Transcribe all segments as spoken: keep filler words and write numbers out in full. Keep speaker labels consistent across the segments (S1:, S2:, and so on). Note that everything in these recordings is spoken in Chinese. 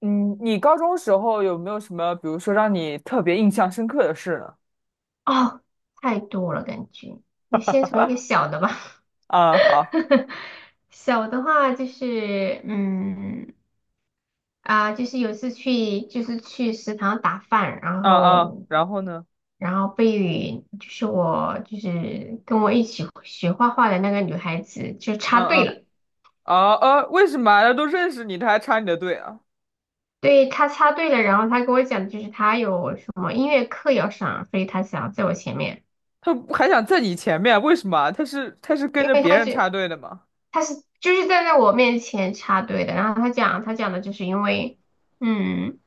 S1: 嗯，你高中时候有没有什么，比如说让你特别印象深刻的事呢？
S2: 哦，太多了，感觉。你先从一个 小的吧。
S1: 啊，好，
S2: 小的话就是，嗯，啊、就是有一次去，就是去食堂打饭，然
S1: 嗯嗯，
S2: 后，
S1: 然后呢？
S2: 然后被就是我就是跟我一起学画画的那个女孩子就插
S1: 嗯
S2: 队
S1: 嗯，
S2: 了。
S1: 啊呃，为什么啊他都认识你，他还插你的队啊？
S2: 对，她插队了，然后她跟我讲，就是她有什么音乐课要上，所以她想在我前面，
S1: 他还想在你前面，为什么啊他是他是跟
S2: 因
S1: 着
S2: 为
S1: 别
S2: 她
S1: 人插
S2: 就。
S1: 队的吗？
S2: 他是就是站在我面前插队的，然后他讲他讲的就是因为，嗯，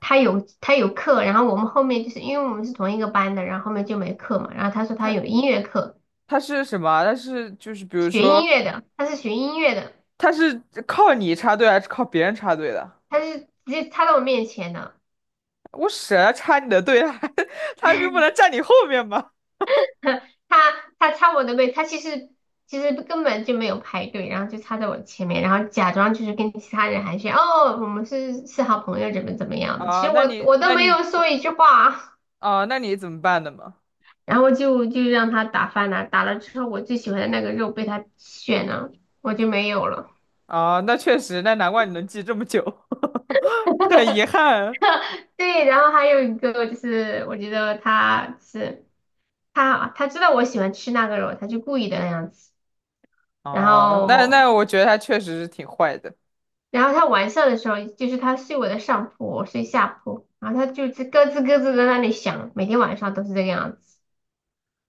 S2: 他有他有课，然后我们后面就是因为我们是同一个班的，然后后面就没课嘛，然后他说他有
S1: 他
S2: 音乐课，
S1: 他是什么啊他是就是比如
S2: 学音
S1: 说，
S2: 乐的，他是学音乐的，
S1: 他是靠你插队还是靠别人插队的？
S2: 他是直接插到我面前的。
S1: 我舍得插你的队啊，还 他就不能站你后面吗？
S2: 他他插我的位，他其实其实根本就没有排队，然后就插在我前面，然后假装就是跟其他人寒暄，哦，我们是是好朋友，怎么怎么样的，其
S1: 啊，
S2: 实
S1: 那
S2: 我
S1: 你
S2: 我都
S1: 那
S2: 没
S1: 你
S2: 有说一句话。
S1: 啊，那你怎么办的嘛？
S2: 然后就就让他打饭了，打了之后我最喜欢的那个肉被他选了，我就没有了。
S1: 啊，那确实，那难怪你能记这么久，很遗憾。
S2: 对，然后还有一个就是我觉得他是他他知道我喜欢吃那个肉，他就故意的那样子。然
S1: 哦，那那
S2: 后
S1: 我觉得他确实是挺坏的。
S2: 然后他晚上的时候，就是他睡我的上铺，我睡下铺，然后他就是咯吱咯吱地在那里响，每天晚上都是这个样子。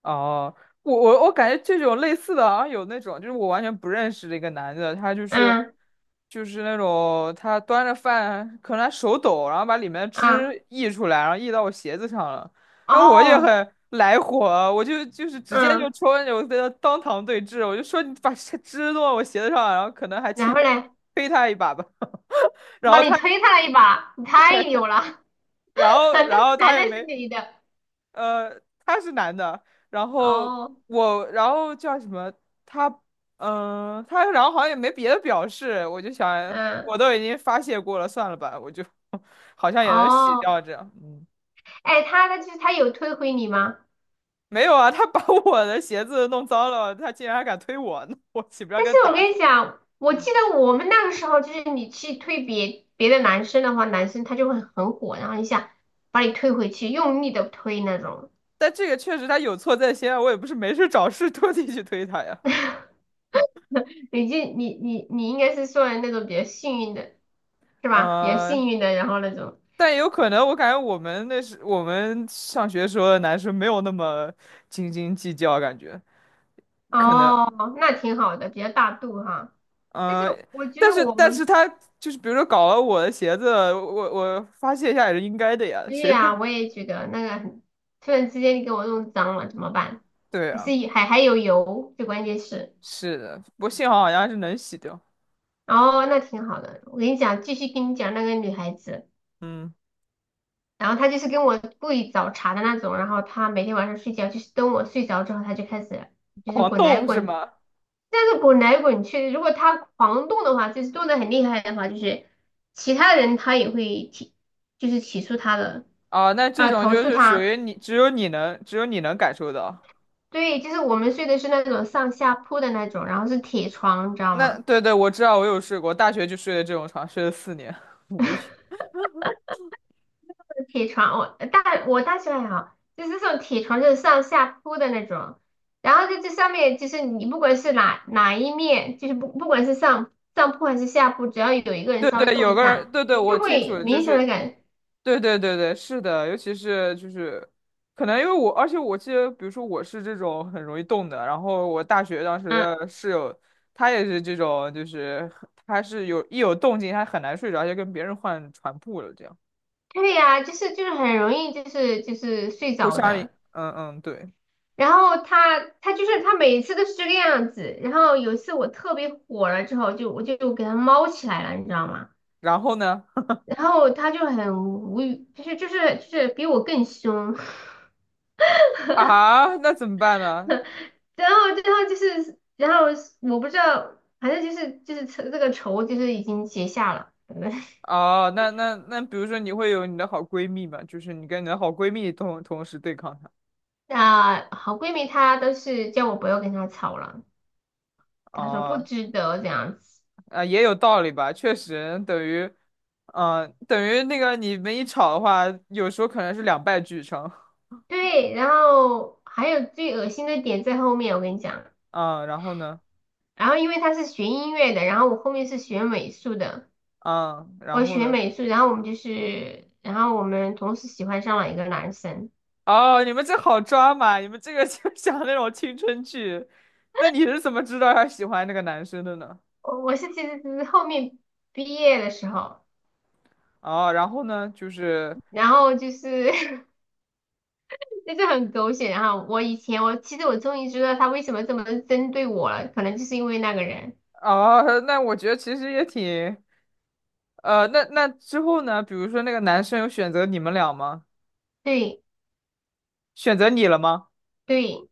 S1: 哦，我我我感觉这种类似的，好像有那种，就是我完全不认识的一个男的，他就是
S2: 嗯。
S1: 就是那种他端着饭，可能他手抖，然后把里面的
S2: 啊。
S1: 汁溢出来，然后溢到我鞋子上了，然后我也
S2: 哦。
S1: 很来火，我就就是直接就
S2: 嗯，
S1: 戳着我跟他当堂对峙，我就说你把这汁弄到我鞋子上，然后可能还
S2: 然
S1: 轻
S2: 后呢？
S1: 推他一把吧，然
S2: 哇，
S1: 后他
S2: 你推他了一把，你太牛了。
S1: 然 后
S2: 但
S1: 然
S2: 是
S1: 后他
S2: 男的
S1: 也
S2: 是
S1: 没。
S2: 女的？
S1: 呃，他是男的，然后
S2: 哦。
S1: 我，然后叫什么？他，嗯、他然后好像也没别的表示，我就想，
S2: 嗯。
S1: 我都已经发泄过了，算了吧，我就 好像也能洗
S2: 哦。
S1: 掉这样。嗯，
S2: 哎，他的就是他有推回你吗？
S1: 没有啊，他把 我的鞋子弄脏了，他竟然还敢推我呢，我岂不是要
S2: 但是
S1: 跟他
S2: 我
S1: 打
S2: 跟
S1: 起
S2: 你
S1: 来。
S2: 讲，我记得我们那个时候，就是你去推别别的男生的话，男生他就会很火，然后一下把你推回去，用力的推那种。
S1: 但这个确实他有错在先啊，我也不是没事找事特地去推他呀。
S2: 你就你你你应该是算那种比较幸运的，是吧？比较
S1: 呃，
S2: 幸运的，然后那种。
S1: 但也有可能，我感觉我们那时我们上学时候的男生没有那么斤斤计较，感觉。可能，
S2: 哦，那挺好的，比较大度哈。但是
S1: 呃，
S2: 我觉
S1: 但
S2: 得
S1: 是
S2: 我
S1: 但是
S2: 们。
S1: 他就是比如说搞了我的鞋子，我我发泄一下也是应该的呀，
S2: 对
S1: 谁让？
S2: 呀，我 也觉得那个很，突然之间你给我弄脏了怎么办？
S1: 对
S2: 还
S1: 啊，
S2: 是还还有油，最关键是。
S1: 是的，不过幸好好像是能洗掉，
S2: 哦，那挺好的。我跟你讲，继续跟你讲那个女孩子，
S1: 嗯，
S2: 然后她就是跟我故意找茬的那种，然后她每天晚上睡觉就是等我睡着之后，她就开始就是
S1: 狂
S2: 滚来
S1: 动是
S2: 滚，
S1: 吗？
S2: 但是滚来滚去。如果她狂动的话，就是动的很厉害的话，就是其他人她也会提，就是起诉她的，
S1: 啊，那这
S2: 呃，
S1: 种
S2: 投
S1: 就
S2: 诉
S1: 是属
S2: 她。
S1: 于你，只有你能，只有你能感受到。
S2: 对，就是我们睡的是那种上下铺的那种，然后是铁床，你知道
S1: 那
S2: 吗？
S1: 对对，我知道，我有睡过，大学就睡的这种床，睡了四年，无语。
S2: 铁床，我呃大我大学还好，就是这种铁床就是上下铺的那种，然后在这上面就是你不管是哪哪一面，就是不不管是上上铺还是下铺，只要有一个人
S1: 对
S2: 稍微
S1: 对，
S2: 动
S1: 有
S2: 一
S1: 个
S2: 下，
S1: 人，对对，
S2: 你
S1: 我
S2: 就
S1: 清楚
S2: 会
S1: 了，就
S2: 明显的
S1: 是，
S2: 感。
S1: 对对对对，是的，尤其是就是，可能因为我，而且我记得，比如说我是这种很容易动的，然后我大学当时
S2: 嗯，
S1: 的室友，她也是这种，就是她是有一有动静，她很难睡着，就跟别人换床铺了，这样
S2: 对呀、就是就是很容易就是就是睡
S1: 互
S2: 着
S1: 相影
S2: 的。
S1: 嗯嗯，对，
S2: 然后他他就是他每次都是这个样子，然后有一次我特别火了之后，就我就给他猫起来了，你知道吗？
S1: 然后呢，
S2: 然后他就很无语，就是就是就是比我更凶。
S1: 啊，那怎么办呢？
S2: 然后然后就是然后我不知道，反正就是就是这个仇就是已经结下了。
S1: 哦，那那那，比如说你会有你的好闺蜜嘛，就是你跟你的好闺蜜同同时对抗她。
S2: 那好闺蜜她都是叫我不要跟她吵了，她说不
S1: 哦，
S2: 值得这样子。
S1: 啊，也有道理吧，确实等于，嗯、等于那个你们一吵的话，有时候可能是两败俱伤。
S2: 对，然后还有最恶心的点在后面，我跟你讲。
S1: 嗯，然后呢？
S2: 然后因为他是学音乐的，然后我后面是学美术的，
S1: 嗯，然
S2: 我
S1: 后
S2: 学
S1: 呢？
S2: 美术，然后我们就是，然后我们同时喜欢上了一个男生。
S1: 哦，你们这好抓嘛，你们这个就 像那种青春剧。那你是怎么知道他喜欢那个男生的呢？
S2: 我我是其实只是后面毕业的时候，
S1: 哦，然后呢，就是，
S2: 然后就是 就是很狗血，然后我以前我其实我终于知道他为什么这么针对我了，可能就是因为那个人。
S1: 哦，那我觉得其实也挺，呃，那那之后呢？比如说那个男生有选择你们俩吗？
S2: 对
S1: 选择你了吗？
S2: 对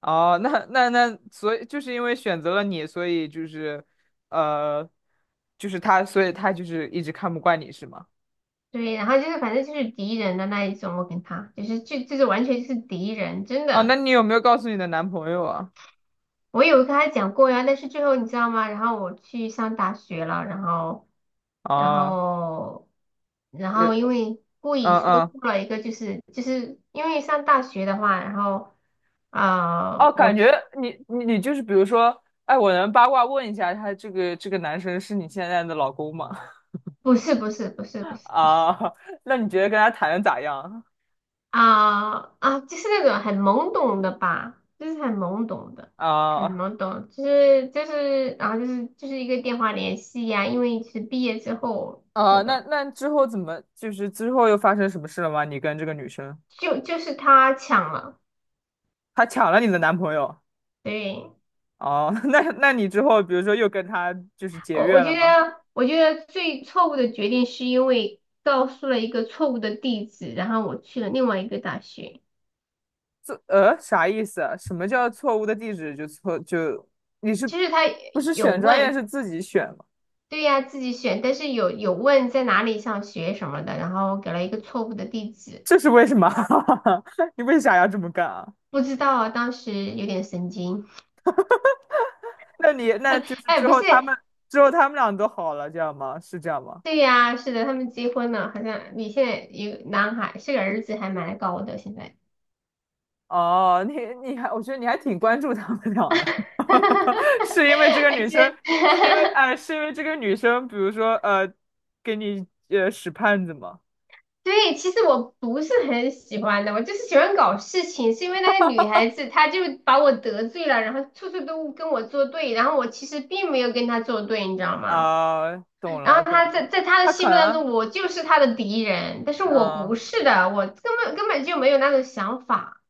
S1: 哦，那那那，所以就是因为选择了你，所以就是，呃，就是他，所以他就是一直看不惯你是吗？
S2: 对，然后就是反正就是敌人的那一种，我跟他就是就就是完全就是敌人，真
S1: 啊，那
S2: 的。
S1: 你有没有告诉你的男朋友啊？
S2: 我有跟他讲过呀，但是最后你知道吗？然后我去上大学了，然后，然
S1: 啊，
S2: 后，然
S1: 呃，
S2: 后因为故
S1: 嗯
S2: 意说
S1: 嗯，
S2: 出了一个，就是就是因为上大学的话，然后，啊，
S1: 哦，
S2: 我
S1: 感觉
S2: 去。
S1: 你你你就是比如说，哎，我能八卦问一下，他这个这个男生是你现在的老公吗？
S2: 不是不是不是不 是不是。
S1: 啊，那你觉得跟他谈的咋样？
S2: 啊啊，就是那种很懵懂的吧，就是很懵懂的，很
S1: 啊
S2: 懵懂，就是就是，然后就是就是一个电话联系呀，因为是毕业之后那
S1: 啊，那
S2: 个，
S1: 那之后怎么就是之后又发生什么事了吗？你跟这个女生，
S2: 就就是他抢了，
S1: 她抢了你的男朋友？
S2: 对。
S1: 哦，那那你之后比如说又跟他就是结
S2: 我我
S1: 怨了
S2: 觉
S1: 吗？
S2: 得，我觉得最错误的决定是因为告诉了一个错误的地址，然后我去了另外一个大学。
S1: 这呃啥意思啊什么叫错误的地址就错就你是
S2: 就是他
S1: 不是
S2: 有
S1: 选专业
S2: 问，
S1: 是自己选吗？
S2: 对呀，自己选，但是有有问在哪里上学什么的，然后给了一个错误的地址，
S1: 这是为什么？你为啥要这么干啊？
S2: 不知道啊，当时有点神经。
S1: 那你那就是
S2: 哎，
S1: 之
S2: 不是。
S1: 后他们之后他们俩都好了，这样吗？是这样吗？
S2: 对呀，是的，他们结婚了，好像你现在有男孩，是个儿子，还蛮高的，现在。
S1: 哦，你你还我觉得你还挺关注他们俩的，
S2: 哈哈哈哈 哈。
S1: 是因为这个
S2: 而
S1: 女
S2: 且
S1: 生，是因为哎、是因为这个女生，比如说呃，给你呃使绊子吗？
S2: 对，其实我不是很喜欢的，我就是喜欢搞事情，是因为那个女孩子她就把我得罪了，然后处处都跟我作对，然后我其实并没有跟她作对，你知道吗？
S1: 啊，懂
S2: 然后
S1: 了
S2: 她
S1: 懂了，
S2: 在在她的
S1: 他
S2: 心
S1: 可
S2: 目当
S1: 能，
S2: 中，我就是她的敌人，但是我
S1: 嗯、
S2: 不是的，我根本根本就没有那种想法。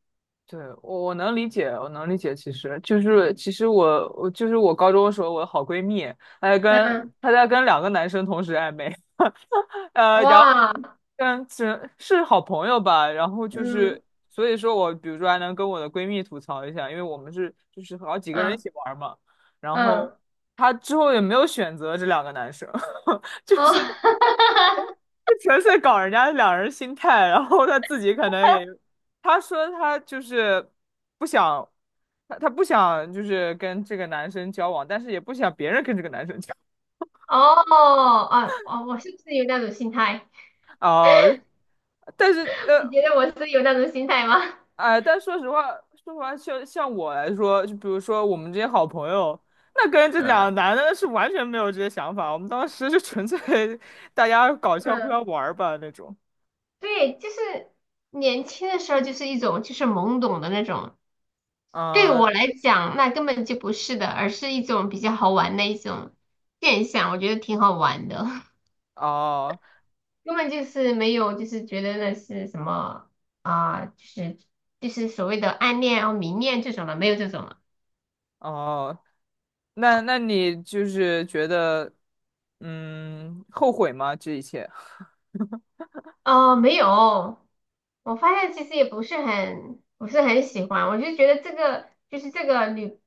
S1: 对，我我能理解，我能理解。其实就是其实我我就是我高中的时候，我的好闺蜜，她在
S2: 嗯。
S1: 跟她在跟两个男生同时暧昧，呃，然后
S2: 哇。
S1: 跟是是好朋友吧，然后就是
S2: 嗯。
S1: 所以说我比如说还能跟我的闺蜜吐槽一下，因为我们是就是好几个人一
S2: 啊。
S1: 起玩嘛，然后
S2: 嗯。
S1: 她之后也没有选择这两个男生。就
S2: 哦。
S1: 是 就纯粹搞人家两人心态，然后他自己可能也，他说他就是不想，他他不想就是跟这个男生交往，但是也不想别人跟这个男生交
S2: 哦。啊。哦，我是不是有那种心态？
S1: 往。哦、但是
S2: 你
S1: 呃
S2: 觉得我是有那种心态吗？
S1: 哎、但说实话，说实话，像像我来说，就比如说我们这些好朋友，那跟这两个
S2: 嗯
S1: 男的是完全没有这些想法，我们当时就纯粹大家搞笑互相
S2: 嗯。
S1: 玩儿吧那种。
S2: 对，就是年轻的时候就是一种就是懵懂的那种，对我
S1: 嗯，
S2: 来讲那根本就不是的，而是一种比较好玩的一种现象，我觉得挺好玩的。
S1: 哦
S2: 根本就是没有就是觉得那是什么啊、就是就是所谓的暗恋啊、迷恋这种的，没有这种。
S1: 哦。那那你就是觉得，嗯，后悔吗？这一切？
S2: 哦，没有，我发现其实也不是很不是很喜欢，我就觉得这个就是这个女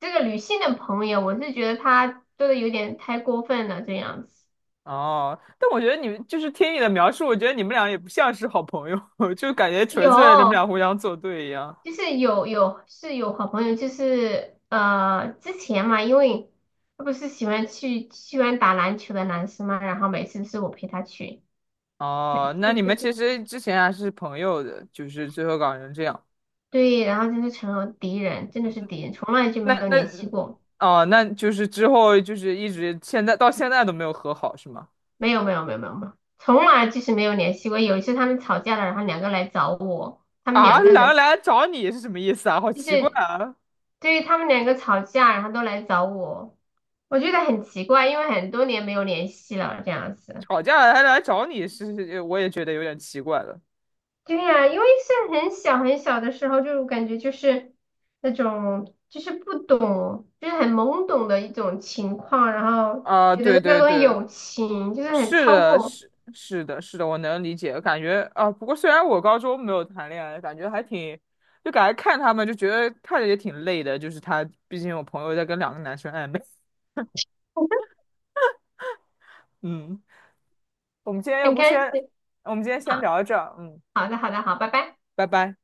S2: 这个女性的朋友，我是觉得她做的有点太过分了这样子。
S1: 哦，但我觉得你们就是听你的描述，我觉得你们俩也不像是好朋友，就感觉纯粹你们俩
S2: 有，
S1: 互相作对一样。
S2: 就是有有是有好朋友，就是呃之前嘛，因为他不是喜欢去喜欢打篮球的男生嘛，然后每次是我陪他去，
S1: 哦，那
S2: 是
S1: 你
S2: 就
S1: 们其
S2: 是
S1: 实之前还是朋友的，就是最后搞成这样。
S2: 对，然后就是成了敌人，真的是
S1: 嗯，
S2: 敌人，从来就没
S1: 那
S2: 有
S1: 那，
S2: 联系过。
S1: 哦，那就是之后就是一直现在到现在都没有和好，是吗？
S2: 没有没有没有没有没有，从来就是没有联系过。有一次他们吵架了，然后两个来找我，他们
S1: 啊，
S2: 两个
S1: 两个
S2: 人
S1: 来找你是什么意思啊？好
S2: 就
S1: 奇怪
S2: 是
S1: 啊！
S2: 对于他们两个吵架，然后都来找我，我觉得很奇怪，因为很多年没有联系了这样子。
S1: 吵架了还来找你，是是我也觉得有点奇怪了。
S2: 对呀，因为是很小很小的时候，就感觉就是那种就是不懂，就是很懵懂的一种情况，然后
S1: 啊，
S2: 觉
S1: 对
S2: 得那
S1: 对
S2: 种
S1: 对，
S2: 友情就是很
S1: 是
S2: 超
S1: 的，
S2: 过。
S1: 是是的，是的，我能理解。感觉啊，不过虽然我高中没有谈恋爱，感觉还挺，就感觉看他们就觉得看着也挺累的。就是他，毕竟有朋友在跟两个男生暧昧。嗯，我们今天要
S2: 很
S1: 不
S2: 开心
S1: 先，我们今天先
S2: 啊。
S1: 聊到这儿。嗯，
S2: 好的好的好，拜拜。
S1: 拜拜。